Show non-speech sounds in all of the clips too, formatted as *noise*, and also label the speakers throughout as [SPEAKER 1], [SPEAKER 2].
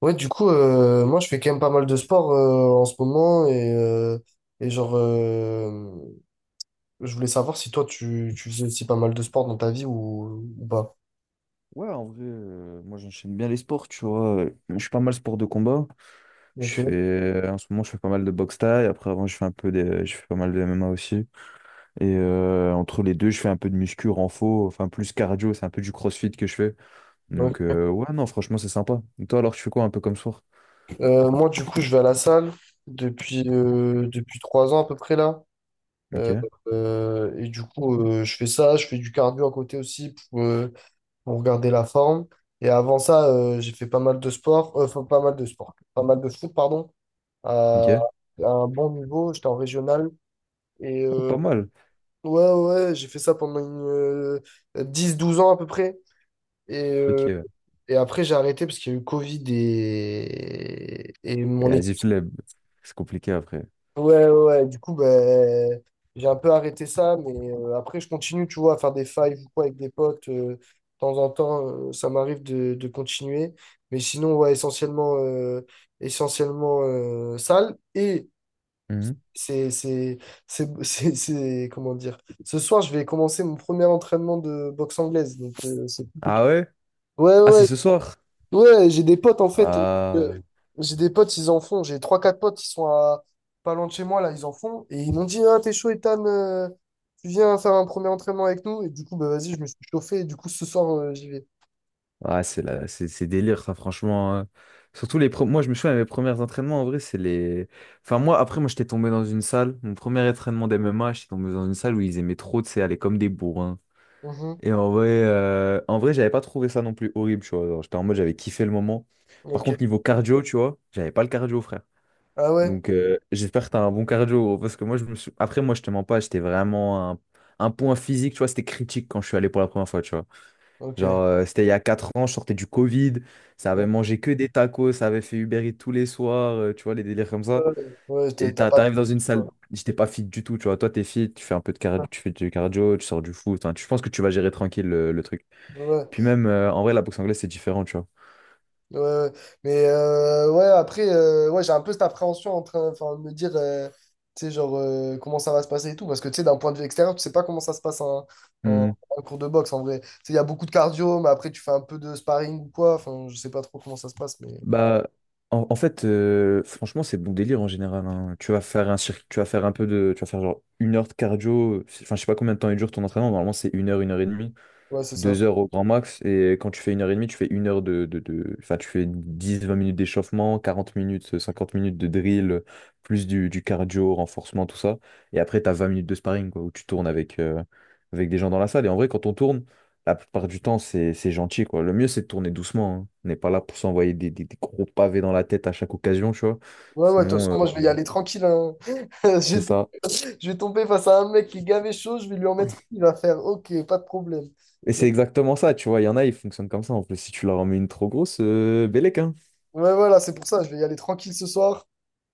[SPEAKER 1] Ouais, du coup, moi, je fais quand même pas mal de sport en ce moment et genre, je voulais savoir si toi, tu faisais aussi pas mal de sport dans ta vie ou pas.
[SPEAKER 2] Ouais, en vrai, moi j'enchaîne bien les sports, tu vois. Je suis pas mal sport de combat.
[SPEAKER 1] Ok.
[SPEAKER 2] En ce moment, je fais pas mal de boxe thaï. Après, avant, je fais un peu des, je fais pas mal de MMA aussi. Et entre les deux, je fais un peu de muscu, renfo, enfin plus cardio, c'est un peu du crossfit que je fais. Donc,
[SPEAKER 1] Ouais.
[SPEAKER 2] ouais, non, franchement, c'est sympa. Et toi, alors, tu fais quoi un peu comme sport?
[SPEAKER 1] Moi, du coup, je vais à la salle depuis 3 ans à peu près là.
[SPEAKER 2] Ok,
[SPEAKER 1] Euh, et du coup, je fais ça, je fais du cardio à côté aussi pour garder la forme. Et avant ça, j'ai fait pas mal de sport, enfin, pas mal de sport, pas mal de foot, pardon,
[SPEAKER 2] ok.
[SPEAKER 1] à, à un bon niveau. J'étais en régional. Et
[SPEAKER 2] Oh,
[SPEAKER 1] euh,
[SPEAKER 2] pas mal.
[SPEAKER 1] ouais, ouais, ouais, j'ai fait ça pendant 10-12 ans à peu près. Et,
[SPEAKER 2] Ok,
[SPEAKER 1] euh,
[SPEAKER 2] ouais.
[SPEAKER 1] et après, j'ai arrêté parce qu'il y a eu Covid et
[SPEAKER 2] Et
[SPEAKER 1] mon équipe.
[SPEAKER 2] vas-y, flemme. C'est compliqué après.
[SPEAKER 1] Ouais, ouais, ouais. Du coup, ben, j'ai un peu arrêté ça. Mais après, je continue, tu vois, à faire des fives ou quoi avec des potes. De temps en temps, ça m'arrive de continuer. Mais sinon, ouais, essentiellement salle.
[SPEAKER 2] Mhm.
[SPEAKER 1] C'est, c'est, *laughs* comment dire? Ce soir, je vais commencer mon premier entraînement de boxe anglaise.
[SPEAKER 2] Ah ouais?
[SPEAKER 1] Ouais,
[SPEAKER 2] Ah, c'est
[SPEAKER 1] ouais,
[SPEAKER 2] ce soir?
[SPEAKER 1] ouais, j'ai des potes en fait. euh,
[SPEAKER 2] Ah.
[SPEAKER 1] j'ai des potes, ils en font. J'ai trois quatre potes, ils sont à pas loin de chez moi là, ils en font. Et ils m'ont dit, ah, t'es chaud, Ethan, tu viens faire un premier entraînement avec nous. Et du coup, bah vas-y, je me suis chauffé. Et du coup, ce soir, j'y vais.
[SPEAKER 2] Ah, c'est délire, ça, franchement, hein. Moi, je me souviens, mes premiers entraînements, en vrai, c'est les. Enfin, moi, après, moi, j'étais tombé dans une salle. Mon premier entraînement d'MMA, j'étais tombé dans une salle où ils aimaient trop, tu sais, aller comme des bourrins.
[SPEAKER 1] Mhm.
[SPEAKER 2] Et en vrai, j'avais pas trouvé ça non plus horrible, tu vois. Genre, j'étais en mode, j'avais kiffé le moment. Par
[SPEAKER 1] Ok.
[SPEAKER 2] contre, niveau cardio, tu vois, j'avais pas le cardio, frère.
[SPEAKER 1] Ah ouais?
[SPEAKER 2] Donc, j'espère que t'as un bon cardio, gros, parce que moi, je me suis. Après, moi, je te mens pas, j'étais vraiment un. Un point physique, tu vois, c'était critique quand je suis allé pour la première fois, tu vois.
[SPEAKER 1] Ok.
[SPEAKER 2] Genre, c'était il y a 4 ans, je sortais du Covid, ça avait
[SPEAKER 1] Ouais,
[SPEAKER 2] mangé que des tacos, ça avait fait Uber Eats tous les soirs, tu vois, les délires comme ça.
[SPEAKER 1] ouais, t'as pas.
[SPEAKER 2] T'arrives dans une salle, j'étais pas fit du tout, tu vois. Toi, t'es fit, tu fais un peu de cardio, tu fais du cardio, tu sors du foot, hein, tu je pense que tu vas gérer tranquille le truc.
[SPEAKER 1] Ouais.
[SPEAKER 2] Puis même, en vrai, la boxe anglaise, c'est différent, tu vois.
[SPEAKER 1] Ouais, ouais. Mais ouais, après, ouais, j'ai un peu cette appréhension en train enfin, de me dire, tu sais, genre, comment ça va se passer et tout. Parce que, tu sais, d'un point de vue extérieur, tu sais pas comment ça se passe un,
[SPEAKER 2] Hmm.
[SPEAKER 1] un cours de boxe en vrai. Tu sais, il y a beaucoup de cardio, mais après, tu fais un peu de sparring ou quoi. Enfin, je sais pas trop comment ça se passe, mais ouais,
[SPEAKER 2] Bah, en fait, franchement, c'est bon délire en général, hein. Tu vas faire un circuit, tu vas faire genre une heure de cardio, enfin, je sais pas combien de temps il dure ton entraînement, normalement, c'est une heure et demie.
[SPEAKER 1] ouais, c'est ça.
[SPEAKER 2] 2 heures au grand max. Et quand tu fais une heure et demie, tu fais une heure enfin, tu fais dix vingt minutes d'échauffement, 40 minutes, 50 minutes de drill, plus du cardio, renforcement, tout ça. Et après, tu as 20 minutes de sparring, quoi, où tu tournes avec des gens dans la salle. Et en vrai, quand on tourne, la plupart du temps, c'est gentil, quoi. Le mieux, c'est de tourner doucement, hein. On n'est pas là pour s'envoyer des gros pavés dans la tête à chaque occasion, tu vois.
[SPEAKER 1] Ouais, ouais, de toute
[SPEAKER 2] Sinon,
[SPEAKER 1] façon, moi, je vais y aller tranquille. Hein. *laughs* Je
[SPEAKER 2] c'est
[SPEAKER 1] vais tomber,
[SPEAKER 2] ça.
[SPEAKER 1] je vais tomber face à un mec qui est gavé chaud, je vais lui en mettre une, il va faire, ok, pas de problème.
[SPEAKER 2] Et c'est exactement ça, tu vois. Il y en a, ils fonctionnent comme ça. En plus, si tu leur en mets une trop grosse, bellec, hein.
[SPEAKER 1] Ouais, voilà, c'est pour ça, je vais y aller tranquille ce soir.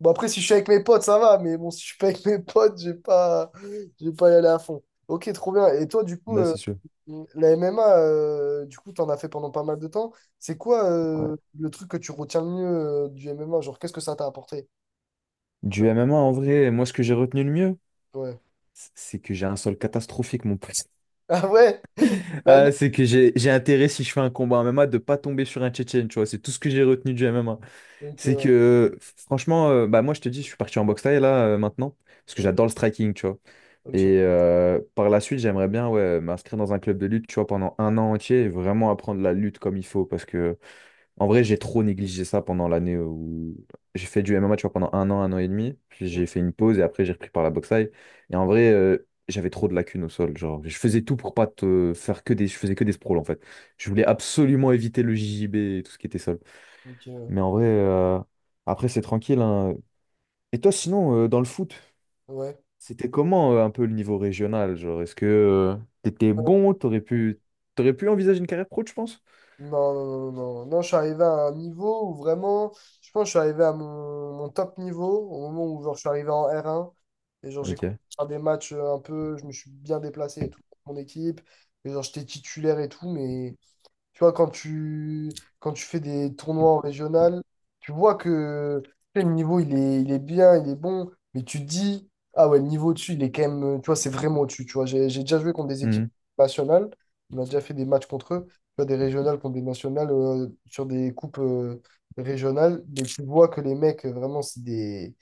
[SPEAKER 1] Bon, après, si je suis avec mes potes, ça va, mais bon, si je suis pas avec mes potes, je vais pas y aller à fond. Ok, trop bien. Et toi, du coup,
[SPEAKER 2] Là, c'est sûr.
[SPEAKER 1] la MMA, du coup, t'en as fait pendant pas mal de temps. C'est quoi le truc que tu retiens le mieux du MMA? Genre, qu'est-ce que ça t'a apporté?
[SPEAKER 2] Du MMA, en vrai, moi, ce que j'ai retenu le mieux,
[SPEAKER 1] Ouais. *laughs*
[SPEAKER 2] c'est que j'ai un sol catastrophique, mon pote. *laughs*
[SPEAKER 1] Ah ouais? La lutte.
[SPEAKER 2] Ah, c'est que j'ai intérêt, si je fais un combat en MMA, de pas tomber sur un Tchétchène, tu vois. C'est tout ce que j'ai retenu du MMA.
[SPEAKER 1] Ok,
[SPEAKER 2] C'est que,
[SPEAKER 1] ouais.
[SPEAKER 2] franchement, bah, moi, je te dis, je suis parti en boxe thaï, là, maintenant, parce que
[SPEAKER 1] Ok,
[SPEAKER 2] j'adore le striking, tu vois. Et
[SPEAKER 1] ok.
[SPEAKER 2] par la suite, j'aimerais bien, ouais, m'inscrire dans un club de lutte, tu vois, pendant un an entier et vraiment apprendre la lutte comme il faut, parce que en vrai, j'ai trop négligé ça pendant l'année où j'ai fait du MMA, tu vois, pendant un an et demi. Puis
[SPEAKER 1] Ok,
[SPEAKER 2] j'ai fait une pause et après j'ai repris par la boxe thaï. Et en
[SPEAKER 1] ouais.
[SPEAKER 2] vrai, j'avais trop de lacunes au sol. Genre, je faisais tout pour pas te faire que des, je faisais que des sprawls en fait. Je voulais absolument éviter le JJB et tout ce qui était sol.
[SPEAKER 1] ok,
[SPEAKER 2] Mais en vrai, après c'est tranquille, hein. Et toi, sinon, dans le foot,
[SPEAKER 1] Ouais.
[SPEAKER 2] c'était comment un peu le niveau régional? Genre, est-ce que t'étais bon? T'aurais pu envisager une carrière pro, tu penses?
[SPEAKER 1] Non, non, non, non, non. Je suis arrivé à un niveau où vraiment, je pense que je suis arrivé à mon top niveau au moment où genre, je suis arrivé en R1. Et genre, j'ai commencé
[SPEAKER 2] Ok.
[SPEAKER 1] à faire des matchs un peu, je me suis bien déplacé et tout pour mon équipe. Et genre, j'étais titulaire et tout, mais tu vois, quand tu fais des tournois en régional, tu vois que tu sais, le niveau, il est bien, il est bon, mais tu te dis, ah ouais, le niveau au-dessus, il est quand même, tu vois, c'est vraiment au-dessus, tu vois. J'ai déjà joué contre des équipes
[SPEAKER 2] Mhm.
[SPEAKER 1] nationales, on a déjà fait des matchs contre eux, tu vois, des régionales contre des nationales, sur des coupes, régionales, mais tu vois que les mecs, vraiment, c'est des...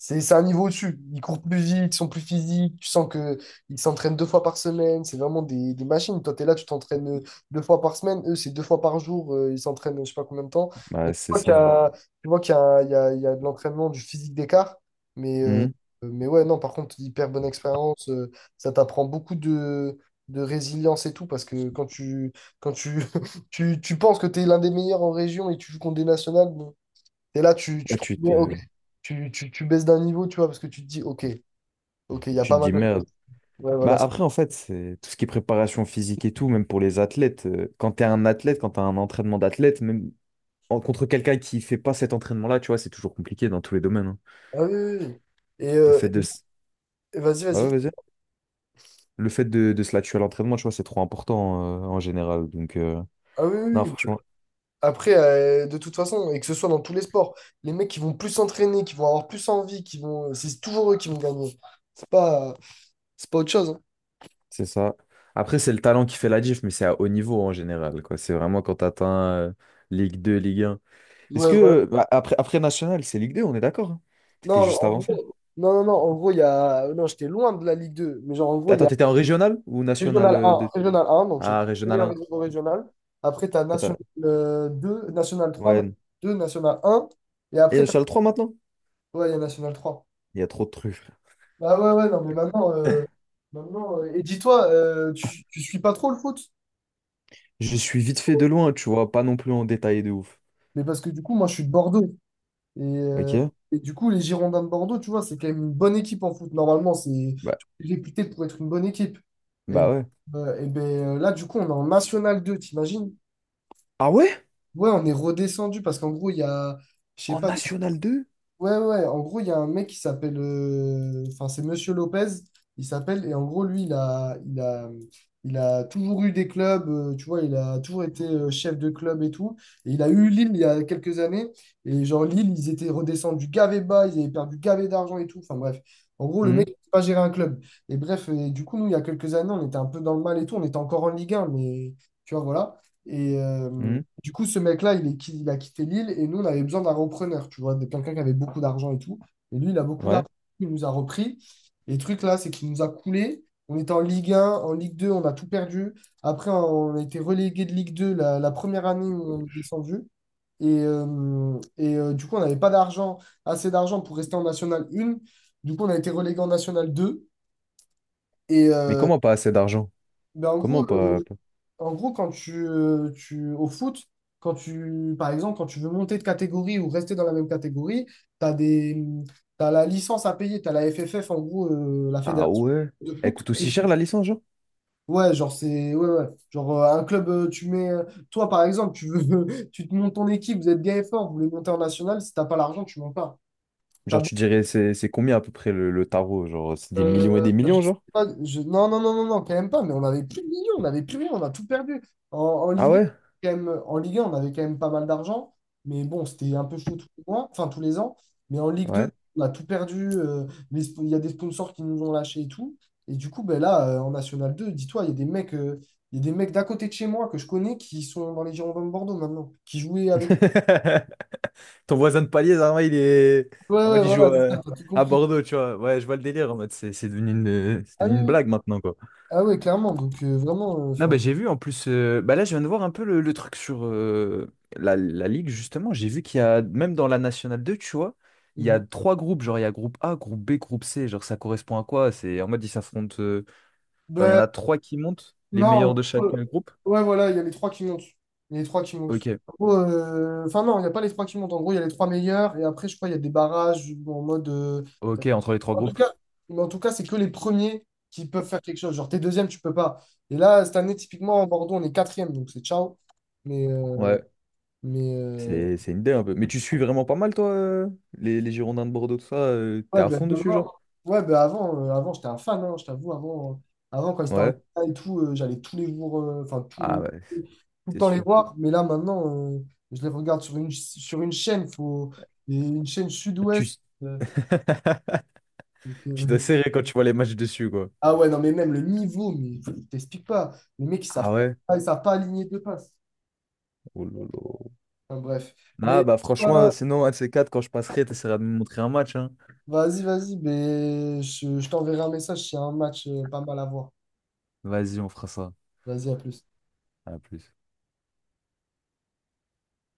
[SPEAKER 1] C'est un niveau au-dessus. Ils courent plus vite, ils sont plus physiques. Tu sens que ils s'entraînent deux fois par semaine. C'est vraiment des machines. Toi, tu es là, tu t'entraînes deux fois par semaine. Eux, c'est deux fois par jour. Ils s'entraînent, je sais pas combien de temps. Tu
[SPEAKER 2] Bah, c'est
[SPEAKER 1] vois qu'il y
[SPEAKER 2] ça.
[SPEAKER 1] a, Tu vois qu'il y a, il y a de l'entraînement, du physique d'écart. Mais, euh,
[SPEAKER 2] Hmm.
[SPEAKER 1] mais ouais, non, par contre, hyper bonne expérience. Ça t'apprend beaucoup de résilience et tout. Parce que quand tu, *laughs* tu penses que tu es l'un des meilleurs en région et tu joues contre des nationales, bon, et là, tu
[SPEAKER 2] Ouais,
[SPEAKER 1] te rends compte, ok. Tu baisses d'un niveau, tu vois, parce que tu te dis, ok, ok, il y a
[SPEAKER 2] tu
[SPEAKER 1] pas
[SPEAKER 2] te
[SPEAKER 1] mal
[SPEAKER 2] dis
[SPEAKER 1] de.
[SPEAKER 2] merde.
[SPEAKER 1] Ouais,
[SPEAKER 2] Bah
[SPEAKER 1] voilà.
[SPEAKER 2] après, en fait, c'est tout ce qui est préparation physique et tout, même pour les athlètes. Quand t'es un athlète, quand t'as un entraînement d'athlète, même contre quelqu'un qui fait pas cet entraînement-là, tu vois, c'est toujours compliqué dans tous les domaines, hein.
[SPEAKER 1] Ah oui, oui, oui. Et,
[SPEAKER 2] Le
[SPEAKER 1] euh,
[SPEAKER 2] fait de,
[SPEAKER 1] et-
[SPEAKER 2] s-
[SPEAKER 1] et vas-y,
[SPEAKER 2] Ouais, ouais,
[SPEAKER 1] vas-y.
[SPEAKER 2] vas-y. Le fait de se la tuer à l'entraînement, tu vois, c'est trop important en général. Donc,
[SPEAKER 1] Ah oui,
[SPEAKER 2] non,
[SPEAKER 1] oui, oui.
[SPEAKER 2] franchement,
[SPEAKER 1] Après, de toute façon, et que ce soit dans tous les sports, les mecs qui vont plus s'entraîner, qui vont avoir plus envie, c'est toujours eux qui vont gagner. C'est pas, c'est pas autre chose. Hein.
[SPEAKER 2] c'est ça. Après, c'est le talent qui fait la diff, mais c'est à haut niveau en général, quoi. C'est vraiment quand t'atteins euh, Ligue 2 Ligue 1. Est-ce
[SPEAKER 1] Ouais, voilà.
[SPEAKER 2] que, bah, après National, c'est Ligue 2 on est d'accord, hein.
[SPEAKER 1] Non,
[SPEAKER 2] T'étais
[SPEAKER 1] en
[SPEAKER 2] juste avant.
[SPEAKER 1] gros, non, non, non, en gros, il y a, non, j'étais loin de la Ligue 2, mais genre, en gros, il y
[SPEAKER 2] Attends,
[SPEAKER 1] a
[SPEAKER 2] t'étais en régional ou national
[SPEAKER 1] Régional 1, Régional 1, donc j'ai
[SPEAKER 2] Ah, régional
[SPEAKER 1] meilleur
[SPEAKER 2] 1.
[SPEAKER 1] réseau régional. Après, tu as National
[SPEAKER 2] Peut-être,
[SPEAKER 1] 2, National 3, National
[SPEAKER 2] ouais.
[SPEAKER 1] 2, National 1, et
[SPEAKER 2] Et
[SPEAKER 1] après, t'as...
[SPEAKER 2] National 3 maintenant?
[SPEAKER 1] ouais, il y a National 3.
[SPEAKER 2] Il y a trop de trucs. *laughs* Frère.
[SPEAKER 1] Ah ouais, ouais, non, mais maintenant, et dis-toi, tu suis pas trop le foot?
[SPEAKER 2] Je suis vite fait de loin, tu vois, pas non plus en détail de ouf.
[SPEAKER 1] Mais parce que du coup, moi, je suis de Bordeaux. Et, euh,
[SPEAKER 2] Ok?
[SPEAKER 1] et du coup, les Girondins de Bordeaux, tu vois, c'est quand même une bonne équipe en foot. Normalement, c'est
[SPEAKER 2] Bah,
[SPEAKER 1] réputé pour être une bonne équipe. Et,
[SPEAKER 2] bah ouais.
[SPEAKER 1] et ben, là, du coup, on est en National 2 t'imagines?
[SPEAKER 2] Ah ouais?
[SPEAKER 1] Ouais, on est redescendu parce qu'en gros, il y a, je sais
[SPEAKER 2] En
[SPEAKER 1] pas,
[SPEAKER 2] National 2.
[SPEAKER 1] ouais, ouais, ouais. En gros, il y a un mec qui s'appelle. Enfin, c'est Monsieur Lopez, il s'appelle. Et en gros, lui, il a toujours eu des clubs, tu vois, il a toujours été chef de club et tout. Et il a eu Lille il y a quelques années. Et genre, Lille, ils étaient redescendus gavé bas, ils avaient perdu gavé d'argent et tout. Enfin, bref. En gros, le mec,
[SPEAKER 2] Hum,
[SPEAKER 1] il sait pas gérer un club. Et bref, et du coup, nous, il y a quelques années, on était un peu dans le mal et tout. On était encore en Ligue 1 mais tu vois, voilà. Et. euh,
[SPEAKER 2] hum.
[SPEAKER 1] du coup, ce mec-là, il a quitté Lille et nous, on avait besoin d'un repreneur, tu vois, de quelqu'un qui avait beaucoup d'argent et tout. Et lui, il a beaucoup d'argent,
[SPEAKER 2] Ouais.
[SPEAKER 1] il nous a repris. Et le truc là, c'est qu'il nous a coulé. On était en Ligue 1, en Ligue 2, on a tout perdu. Après, on a été relégué de Ligue 2 la première année où on est descendu. Et du coup, on n'avait pas d'argent, assez d'argent pour rester en National 1. Du coup, on a été relégué en National 2. Et
[SPEAKER 2] Mais
[SPEAKER 1] euh,
[SPEAKER 2] comment pas assez d'argent?
[SPEAKER 1] ben,
[SPEAKER 2] Comment pas, pas?
[SPEAKER 1] en gros, quand tu, par exemple, quand tu veux monter de catégorie ou rester dans la même catégorie, as des, t'as la licence à payer, tu as la FFF, en gros, la
[SPEAKER 2] Ah
[SPEAKER 1] fédération
[SPEAKER 2] ouais?
[SPEAKER 1] de
[SPEAKER 2] Elle
[SPEAKER 1] foot.
[SPEAKER 2] coûte aussi cher la licence, genre?
[SPEAKER 1] Ouais, genre, c'est, ouais, ouais. Genre, un club, tu mets, toi, par exemple, tu veux, *laughs* tu te montes ton équipe, vous êtes bien et fort, vous voulez monter en national, si t'as pas l'argent, tu montes pas. T'as
[SPEAKER 2] Genre, tu dirais, c'est combien à peu près le tarot? Genre, c'est des millions et des
[SPEAKER 1] Je
[SPEAKER 2] millions,
[SPEAKER 1] sais
[SPEAKER 2] genre?
[SPEAKER 1] pas, je- Non, non, non, non, non, quand même pas, mais on n'avait plus de millions, on n'avait plus rien, on a tout perdu. En
[SPEAKER 2] Ah
[SPEAKER 1] Ligue 1,
[SPEAKER 2] ouais?
[SPEAKER 1] en Ligue 1, on avait quand même pas mal d'argent, mais bon, c'était un peu chaud tous les mois, enfin tous les ans. Mais en Ligue 2,
[SPEAKER 2] Ouais.
[SPEAKER 1] on a tout perdu, il y a des sponsors qui nous ont lâchés et tout. Et du coup, ben là, en National 2, dis-toi, il y a des mecs d'à côté de chez moi que je connais qui sont dans les Girondins de Bordeaux maintenant, qui jouaient avec.
[SPEAKER 2] *laughs* Ton voisin de palier, en mode, il est.
[SPEAKER 1] Ouais,
[SPEAKER 2] En mode,
[SPEAKER 1] ouais,
[SPEAKER 2] il joue
[SPEAKER 1] voilà, c'est ça, t'as tout
[SPEAKER 2] à
[SPEAKER 1] compris.
[SPEAKER 2] Bordeaux, tu vois. Ouais, je vois le délire. En mode, c'est
[SPEAKER 1] Ah
[SPEAKER 2] devenu
[SPEAKER 1] oui,
[SPEAKER 2] une
[SPEAKER 1] oui.
[SPEAKER 2] blague maintenant, quoi.
[SPEAKER 1] Ah ouais, clairement, donc vraiment,
[SPEAKER 2] Non, bah,
[SPEAKER 1] enfin.
[SPEAKER 2] j'ai vu en plus, bah, là je viens de voir un peu le truc sur la Ligue justement, j'ai vu qu'il y a, même dans la Nationale 2 tu vois, il y a trois groupes, genre il y a groupe A, groupe B, groupe C, genre ça correspond à quoi? C'est en mode ils s'affrontent, genre il y en a trois qui montent, les meilleurs de
[SPEAKER 1] Non,
[SPEAKER 2] chaque groupe.
[SPEAKER 1] ouais, voilà, il y a les trois qui montent. Il y a les trois qui montent.
[SPEAKER 2] Ok,
[SPEAKER 1] En gros, enfin, non, il n'y a pas les trois qui montent. En gros, il y a les trois meilleurs. Et après, je crois, il y a des barrages en mode.
[SPEAKER 2] ok, entre les trois
[SPEAKER 1] En tout
[SPEAKER 2] groupes.
[SPEAKER 1] cas, mais en tout cas, c'est que les premiers qui peuvent faire quelque chose. Genre, t'es deuxième, tu peux pas. Et là, cette année, typiquement, en Bordeaux, on est quatrième. Donc, c'est ciao. Mais, euh,
[SPEAKER 2] Ouais.
[SPEAKER 1] mais, euh,
[SPEAKER 2] C'est une idée un peu. Mais tu suis vraiment pas mal, toi, les Girondins de Bordeaux, tout ça. T'es
[SPEAKER 1] Ouais,
[SPEAKER 2] à
[SPEAKER 1] ben,
[SPEAKER 2] fond dessus, genre?
[SPEAKER 1] vraiment. Ouais, ben, avant j'étais un fan, hein, je t'avoue. Avant, quand ils étaient en Ligue
[SPEAKER 2] Ouais.
[SPEAKER 1] 1 et tout, j'allais tous les jours, enfin,
[SPEAKER 2] Ah
[SPEAKER 1] tout,
[SPEAKER 2] ouais,
[SPEAKER 1] tout le
[SPEAKER 2] c'est
[SPEAKER 1] temps les
[SPEAKER 2] sûr.
[SPEAKER 1] voir. Mais là, maintenant, euh, je les regarde sur sur une chaîne, faut, et une chaîne
[SPEAKER 2] Tu,
[SPEAKER 1] sud-ouest.
[SPEAKER 2] s-
[SPEAKER 1] euh,
[SPEAKER 2] *laughs*
[SPEAKER 1] donc,
[SPEAKER 2] Tu dois
[SPEAKER 1] *laughs*
[SPEAKER 2] serrer quand tu vois les matchs dessus, quoi.
[SPEAKER 1] Ah ouais, non, mais même le niveau, mais je t'explique pas. Les mecs, ils
[SPEAKER 2] Ah
[SPEAKER 1] savent
[SPEAKER 2] ouais?
[SPEAKER 1] pas, aligner deux passes.
[SPEAKER 2] Oh là là.
[SPEAKER 1] Enfin, bref.
[SPEAKER 2] Ah
[SPEAKER 1] Mais
[SPEAKER 2] bah
[SPEAKER 1] euh,
[SPEAKER 2] franchement, sinon, un de ces quatre, quand je passerai, t'essaieras de me montrer un match, hein.
[SPEAKER 1] vas-y, vas-y, mais je t'enverrai un message s'il y a un match pas mal à voir.
[SPEAKER 2] Vas-y, on fera ça.
[SPEAKER 1] Vas-y, à plus.
[SPEAKER 2] À plus.